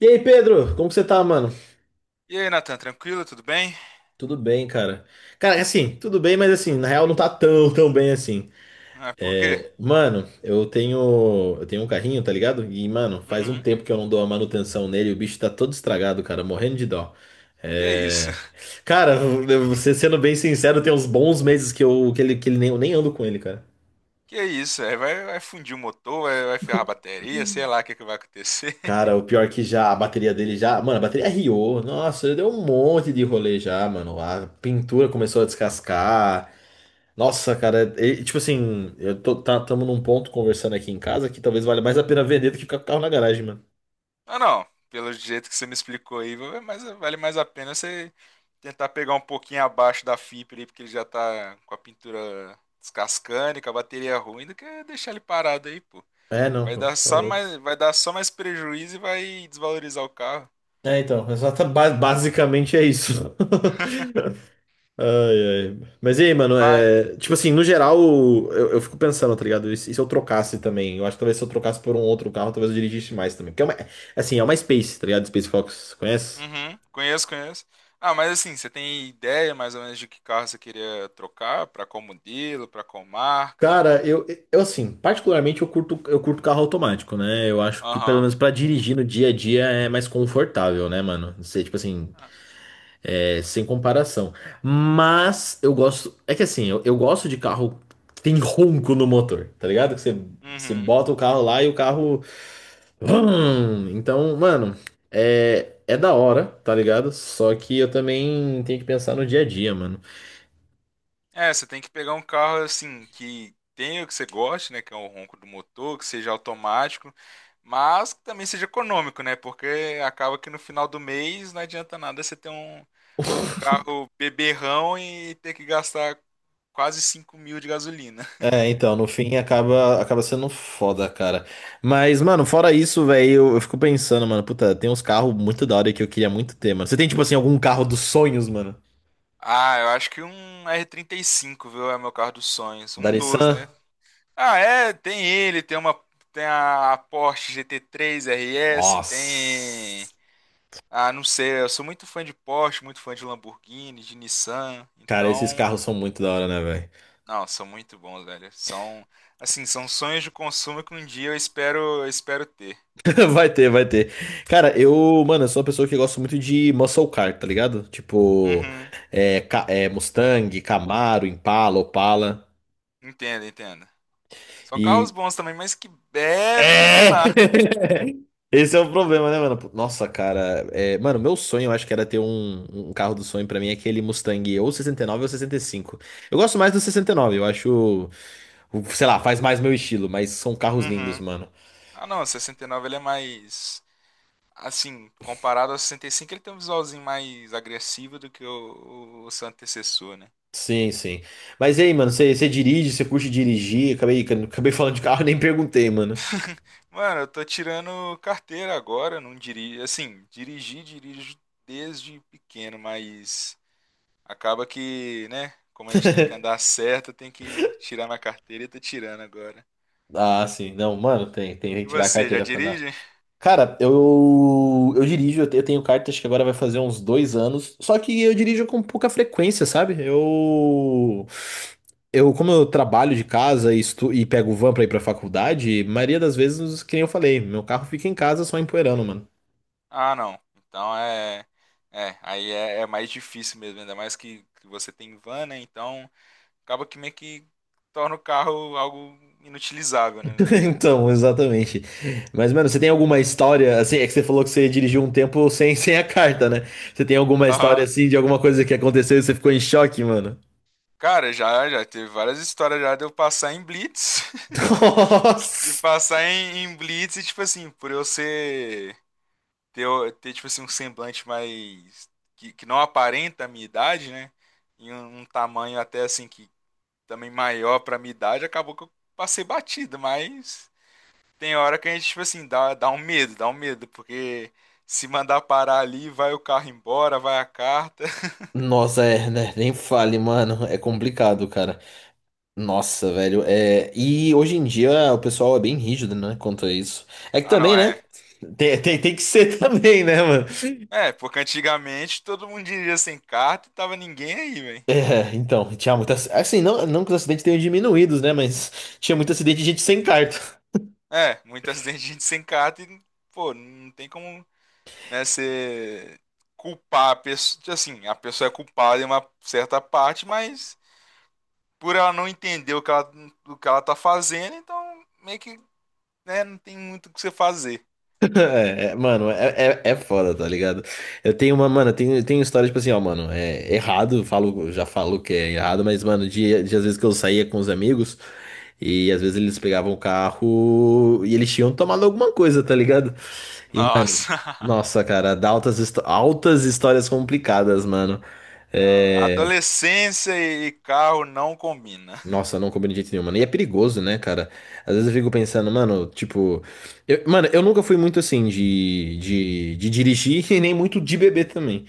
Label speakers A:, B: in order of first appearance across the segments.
A: E aí, Pedro, como que você tá, mano?
B: E aí, Natan, tranquilo? Tudo bem?
A: Tudo bem, cara. Cara, assim, tudo bem, mas assim, na real não tá tão, tão bem assim.
B: Ah, por quê?
A: É, mano, eu tenho um carrinho, tá ligado? E, mano, faz um
B: Uhum.
A: tempo que eu não dou a manutenção nele, o bicho tá todo estragado, cara, morrendo de dó.
B: Que isso?
A: É, cara, você sendo bem sincero, tem uns bons meses que eu, que ele nem, eu nem ando com ele, cara.
B: Que isso? É, vai fundir o motor, vai ferrar a bateria, sei lá o que vai acontecer.
A: Cara, o pior que já a bateria dele já. Mano, a bateria riou. Nossa, ele deu um monte de rolê já, mano. A pintura começou a descascar. Nossa, cara, tipo assim, tamo num ponto conversando aqui em casa que talvez valha mais a pena vender do que ficar com o carro na garagem, mano.
B: Ah, não. Pelo jeito que você me explicou aí, mas vale mais a pena você tentar pegar um pouquinho abaixo da fibra aí, porque ele já tá com a pintura descascando e com a bateria ruim, do que deixar ele parado aí, pô.
A: É, não,
B: Vai
A: pô, por
B: dar só
A: favor.
B: mais, vai dar só mais prejuízo e vai desvalorizar o carro.
A: É, então, basicamente é isso. Ai, ai. Mas e aí, mano, é, tipo assim, no geral, eu fico pensando, tá ligado? E se eu trocasse também? Eu acho que talvez se eu trocasse por um outro carro, talvez eu dirigisse mais também. Porque é uma Space, tá ligado? Space Fox, conhece?
B: Uhum, conheço, conheço. Ah, mas assim, você tem ideia mais ou menos de que carro você queria trocar? Pra qual modelo, pra qual marca?
A: Cara, eu assim, particularmente eu curto carro automático, né? Eu acho que pelo
B: Aham.
A: menos pra dirigir no dia a dia é mais confortável, né, mano? Você, tipo assim,
B: Ah,
A: é, sem comparação. Mas eu gosto, é que assim, eu gosto de carro que tem ronco no motor, tá ligado? Você
B: uhum.
A: bota o carro lá e o carro. Vrum! Então, mano, é da hora, tá ligado? Só que eu também tenho que pensar no dia a dia, mano.
B: É, você tem que pegar um carro assim que tenha o que você goste, né? Que é o ronco do motor, que seja automático, mas que também seja econômico, né? Porque acaba que no final do mês não adianta nada você ter um carro beberrão e ter que gastar quase 5.000 de gasolina.
A: É, então, no fim acaba, acaba sendo foda, cara. Mas, mano, fora isso, velho, eu fico pensando, mano, puta, tem uns carros muito da hora que eu queria muito ter, mano. Você tem, tipo assim, algum carro dos sonhos, mano?
B: Ah, eu acho que um R35, viu? É meu carro dos sonhos.
A: Da
B: Um doze,
A: Nissan?
B: né? Ah, é, tem ele, tem a Porsche GT3 RS, tem.
A: Nossa.
B: Ah, não sei, eu sou muito fã de Porsche, muito fã de Lamborghini, de Nissan.
A: Cara, esses
B: Então,
A: carros são muito da hora, né, velho?
B: não, são muito bons, velho. São assim, são sonhos de consumo que um dia eu espero ter.
A: Vai ter, vai ter. Cara, eu sou uma pessoa que gosta muito de muscle car, tá ligado? Tipo,
B: Uhum.
A: Mustang, Camaro, Impala, Opala.
B: Entendo, entendo. São carros bons também, mas que bebe
A: É!
B: demais.
A: Esse é o problema, né, mano? Nossa, cara. É, mano, meu sonho, eu acho que era ter um carro do sonho pra mim, é aquele Mustang ou 69 ou 65. Eu gosto mais do 69, eu acho. Sei lá, faz mais meu estilo, mas são carros lindos,
B: Uhum.
A: mano.
B: Ah, não, 69 ele é mais. Assim, comparado ao 65, ele tem um visualzinho mais agressivo do que o seu antecessor, né?
A: Sim, sim. Mas e aí, mano, você dirige, você curte dirigir? Acabei falando de carro, nem perguntei, mano.
B: Mano, eu tô tirando carteira agora, não dirijo. Assim, dirigi, dirijo desde pequeno, mas acaba que, né? Como a gente tem que andar certo, tem que tirar minha carteira e tô tirando agora.
A: Ah, sim. Não, mano, tem que
B: E
A: tirar a
B: você, já
A: carteira pra andar.
B: dirige?
A: Cara, eu dirijo, eu tenho carta, acho que agora vai fazer uns 2 anos. Só que eu dirijo com pouca frequência, sabe? Eu como eu trabalho de casa e, e pego o van pra ir pra faculdade, maioria das vezes, que nem eu falei, meu carro fica em casa só empoeirando, mano.
B: Ah, não. Então é. É, aí é, é mais difícil mesmo, ainda mais que você tem van, né? Então. Acaba que meio que torna o carro algo inutilizável, né?
A: Então, exatamente. Mas, mano, você tem alguma história, assim, é que você falou que você dirigiu um tempo sem a carta, né? Você tem alguma história,
B: Aham.
A: assim, de alguma coisa que aconteceu e você ficou em choque, mano?
B: Cara, já teve várias histórias já de eu passar em blitz, de
A: Nossa!
B: passar em blitz e tipo assim, por eu ser ter, ter tipo assim um semblante mais que não aparenta a minha idade, né? E um tamanho até assim que também maior pra minha idade, acabou que eu passei batido, mas tem hora que a gente tipo assim dá um medo, dá um medo, porque se mandar parar ali, vai o carro embora, vai a carta.
A: Nossa, é, né? Nem fale, mano. É complicado, cara. Nossa, velho. É... E hoje em dia o pessoal é bem rígido, né? Quanto a isso. É que
B: Ah, não,
A: também, né?
B: é.
A: Tem que ser também, né, mano?
B: É, porque antigamente todo mundo dirigia sem carta e tava ninguém aí, velho.
A: É, então, tinha muita. Assim, não que os acidentes tenham diminuídos, né? Mas tinha muito acidente de gente sem carta.
B: É, muito acidente de gente sem carta e, pô, não tem como, né, você culpar a pessoa. Assim, a pessoa é culpada em uma certa parte, mas por ela não entender o que ela tá fazendo, então meio que, né, não tem muito o que você fazer.
A: Mano, é foda, tá ligado? Mano, eu tenho história, tipo assim, ó, mano, é errado, já falo que é errado, mas, mano, de às vezes que eu saía com os amigos e às vezes eles pegavam o carro e eles tinham tomado alguma coisa, tá ligado? E, mano,
B: Nossa.
A: nossa, cara, dá altas histórias complicadas, mano.
B: Não,
A: É,
B: adolescência e carro não combina.
A: Nossa, não combina de jeito nenhum, mano. E é perigoso, né, cara? Às vezes eu fico pensando, mano, tipo. Mano, eu nunca fui muito assim de dirigir e nem muito de beber também.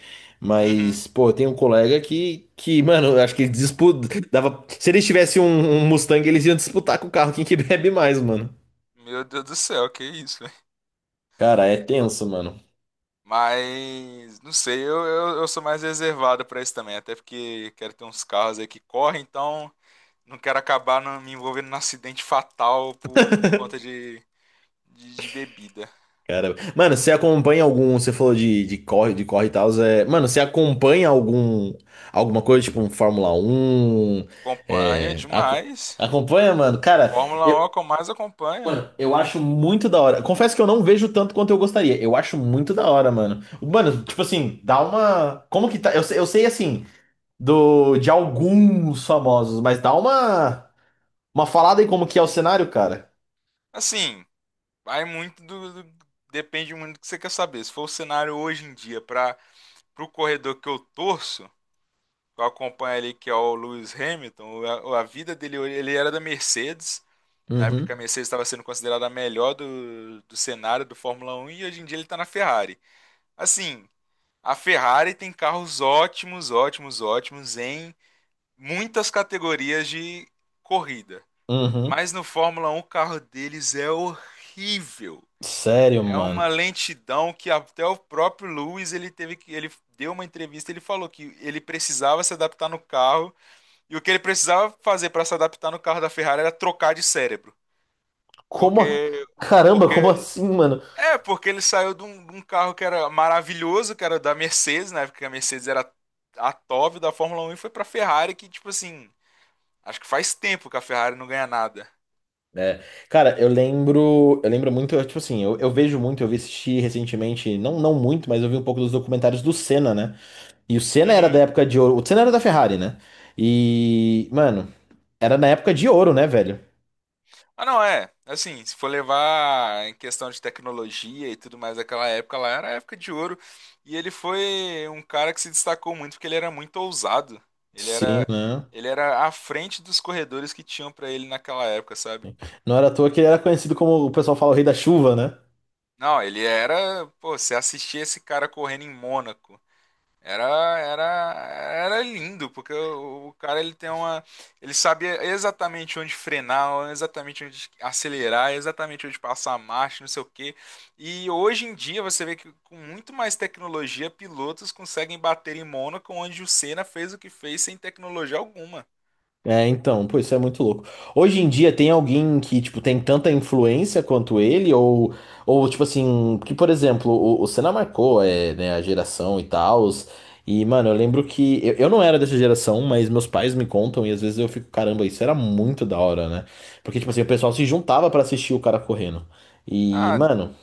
B: Uhum.
A: Mas, pô, tem um colega mano, eu acho que ele disputa. Dava, se eles tivessem um Mustang, eles iam disputar com o carro quem que bebe mais, mano.
B: Meu Deus do céu, que isso.
A: Cara, é tenso, mano.
B: Mas não sei, eu sou mais reservado pra isso também, até porque quero ter uns carros aí que correm, então não quero acabar me envolvendo num acidente fatal por conta de bebida.
A: Cara, mano, você acompanha algum, você falou de corre e tal, é, mano, você acompanha alguma coisa, tipo um Fórmula 1?
B: Acompanho
A: é, ac-
B: demais.
A: acompanha, mano? Cara,
B: Fórmula
A: eu,
B: 1 é o que eu mais acompanho.
A: eu acho muito da hora. Confesso que eu não vejo tanto quanto eu gostaria. Eu acho muito da hora, mano. Mano, tipo assim, dá uma, como que tá? Eu sei assim do de alguns famosos, mas dá uma falada aí como que é o cenário, cara.
B: Assim, vai muito depende muito do que você quer saber. Se for o cenário hoje em dia para o corredor que eu torço, que eu acompanho ali, que é o Lewis Hamilton, a vida dele, ele era da Mercedes. Na época que a
A: Uhum.
B: Mercedes estava sendo considerada a melhor do cenário do Fórmula 1 e hoje em dia ele está na Ferrari. Assim, a Ferrari tem carros ótimos, ótimos, ótimos em muitas categorias de corrida.
A: Uhum.
B: Mas no Fórmula 1 o carro deles é horrível.
A: Sério,
B: É
A: mano.
B: uma lentidão que até o próprio Lewis, ele teve que, ele deu uma entrevista, ele falou que ele precisava se adaptar no carro e o que ele precisava fazer para se adaptar no carro da Ferrari era trocar de cérebro,
A: Como?
B: porque
A: Caramba, como
B: porque.
A: assim, mano?
B: É, porque ele saiu de um carro que era maravilhoso, que era da Mercedes, na época que a Mercedes era a top da Fórmula 1 e foi pra Ferrari, que, tipo assim, acho que faz tempo que a Ferrari não ganha nada.
A: É, cara, eu lembro muito, tipo assim, eu vi assistir recentemente, não muito, mas eu vi um pouco dos documentários do Senna, né? E o Senna era da
B: Uhum.
A: época de ouro, o Senna era da Ferrari, né? E, mano, era na época de ouro, né, velho?
B: Ah, não, é. Assim, se for levar em questão de tecnologia e tudo mais, aquela época lá era a época de ouro. E ele foi um cara que se destacou muito porque ele era muito ousado. Ele
A: Sim,
B: era,
A: né?
B: ele era à frente dos corredores que tinham pra ele naquela época, sabe?
A: Não era à toa que ele era conhecido como o pessoal fala o rei da chuva, né?
B: Não, ele era, pô, você assistia esse cara correndo em Mônaco. Era, era, era lindo, porque o cara, ele tem uma, ele sabia exatamente onde frenar, exatamente onde acelerar, exatamente onde passar a marcha, não sei o quê. E hoje em dia você vê que com muito mais tecnologia, pilotos conseguem bater em Mônaco, onde o Senna fez o que fez sem tecnologia alguma.
A: É, então, pô, isso é muito louco. Hoje em dia tem alguém que, tipo, tem tanta influência quanto ele, ou tipo assim, que, por exemplo, o Senna marcou, é, né, a geração e tal, e, mano, eu lembro que, eu não era dessa geração, mas meus pais me contam, e às vezes eu fico, caramba, isso era muito da hora, né? Porque, tipo assim, o pessoal se juntava pra assistir o cara correndo. E,
B: Ah,
A: mano,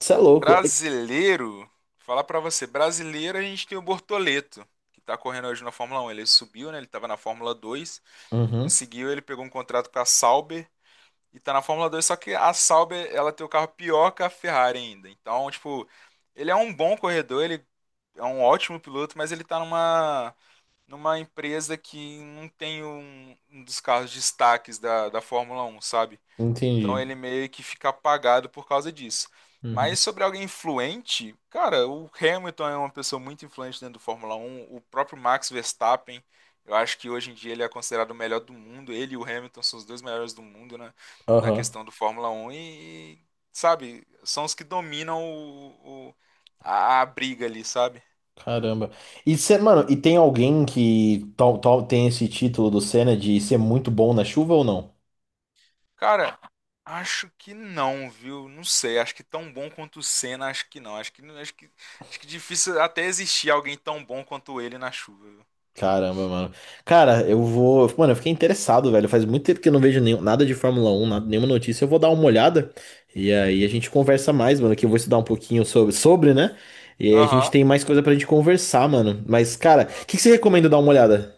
A: isso é louco.
B: brasileiro, falar pra você, brasileiro a gente tem o Bortoleto, que tá correndo hoje na Fórmula 1. Ele subiu, né? Ele tava na Fórmula 2,
A: Uhum,
B: conseguiu, ele pegou um contrato com a Sauber e tá na Fórmula 2, só que a Sauber, ela tem o carro pior que a Ferrari ainda. Então, tipo, ele é um bom corredor, ele é um ótimo piloto, mas ele tá numa empresa que não tem um dos carros destaques da Fórmula 1, sabe? Então
A: entendi.
B: ele meio que fica apagado por causa disso.
A: Uhum.
B: Mas sobre alguém influente, cara, o Hamilton é uma pessoa muito influente dentro do Fórmula 1, o próprio Max Verstappen, eu acho que hoje em dia ele é considerado o melhor do mundo, ele e o Hamilton são os dois melhores do mundo, né, na
A: Aham.
B: questão do Fórmula 1 e, sabe, são os que dominam a briga ali, sabe?
A: Caramba. E cê, mano, e tem alguém tal tem esse título do Senna de ser muito bom na chuva ou não?
B: Cara, acho que não, viu? Não sei, acho que tão bom quanto o Senna, acho que não. Acho que difícil até existir alguém tão bom quanto ele na chuva, viu?
A: Caramba, mano. Cara, eu vou. Mano, eu fiquei interessado, velho. Faz muito tempo que eu não vejo nada de Fórmula 1 nenhuma notícia. Eu vou dar uma olhada e aí a gente conversa mais, mano. Que eu vou estudar um pouquinho sobre, né? E aí a gente
B: Aham.
A: tem mais coisa pra gente conversar, mano. Mas, cara, o que que você recomenda dar uma olhada?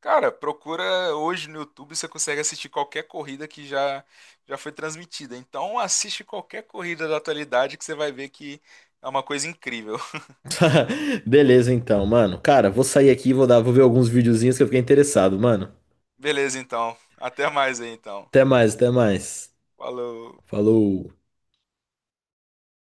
B: Cara, procura hoje no YouTube, você consegue assistir qualquer corrida que já foi transmitida. Então assiste qualquer corrida da atualidade que você vai ver que é uma coisa incrível.
A: Beleza, então, mano. Cara, vou sair aqui, vou ver alguns videozinhos que eu fiquei interessado, mano.
B: Beleza, então. Até mais aí, então.
A: Até mais, até mais.
B: Falou.
A: Falou.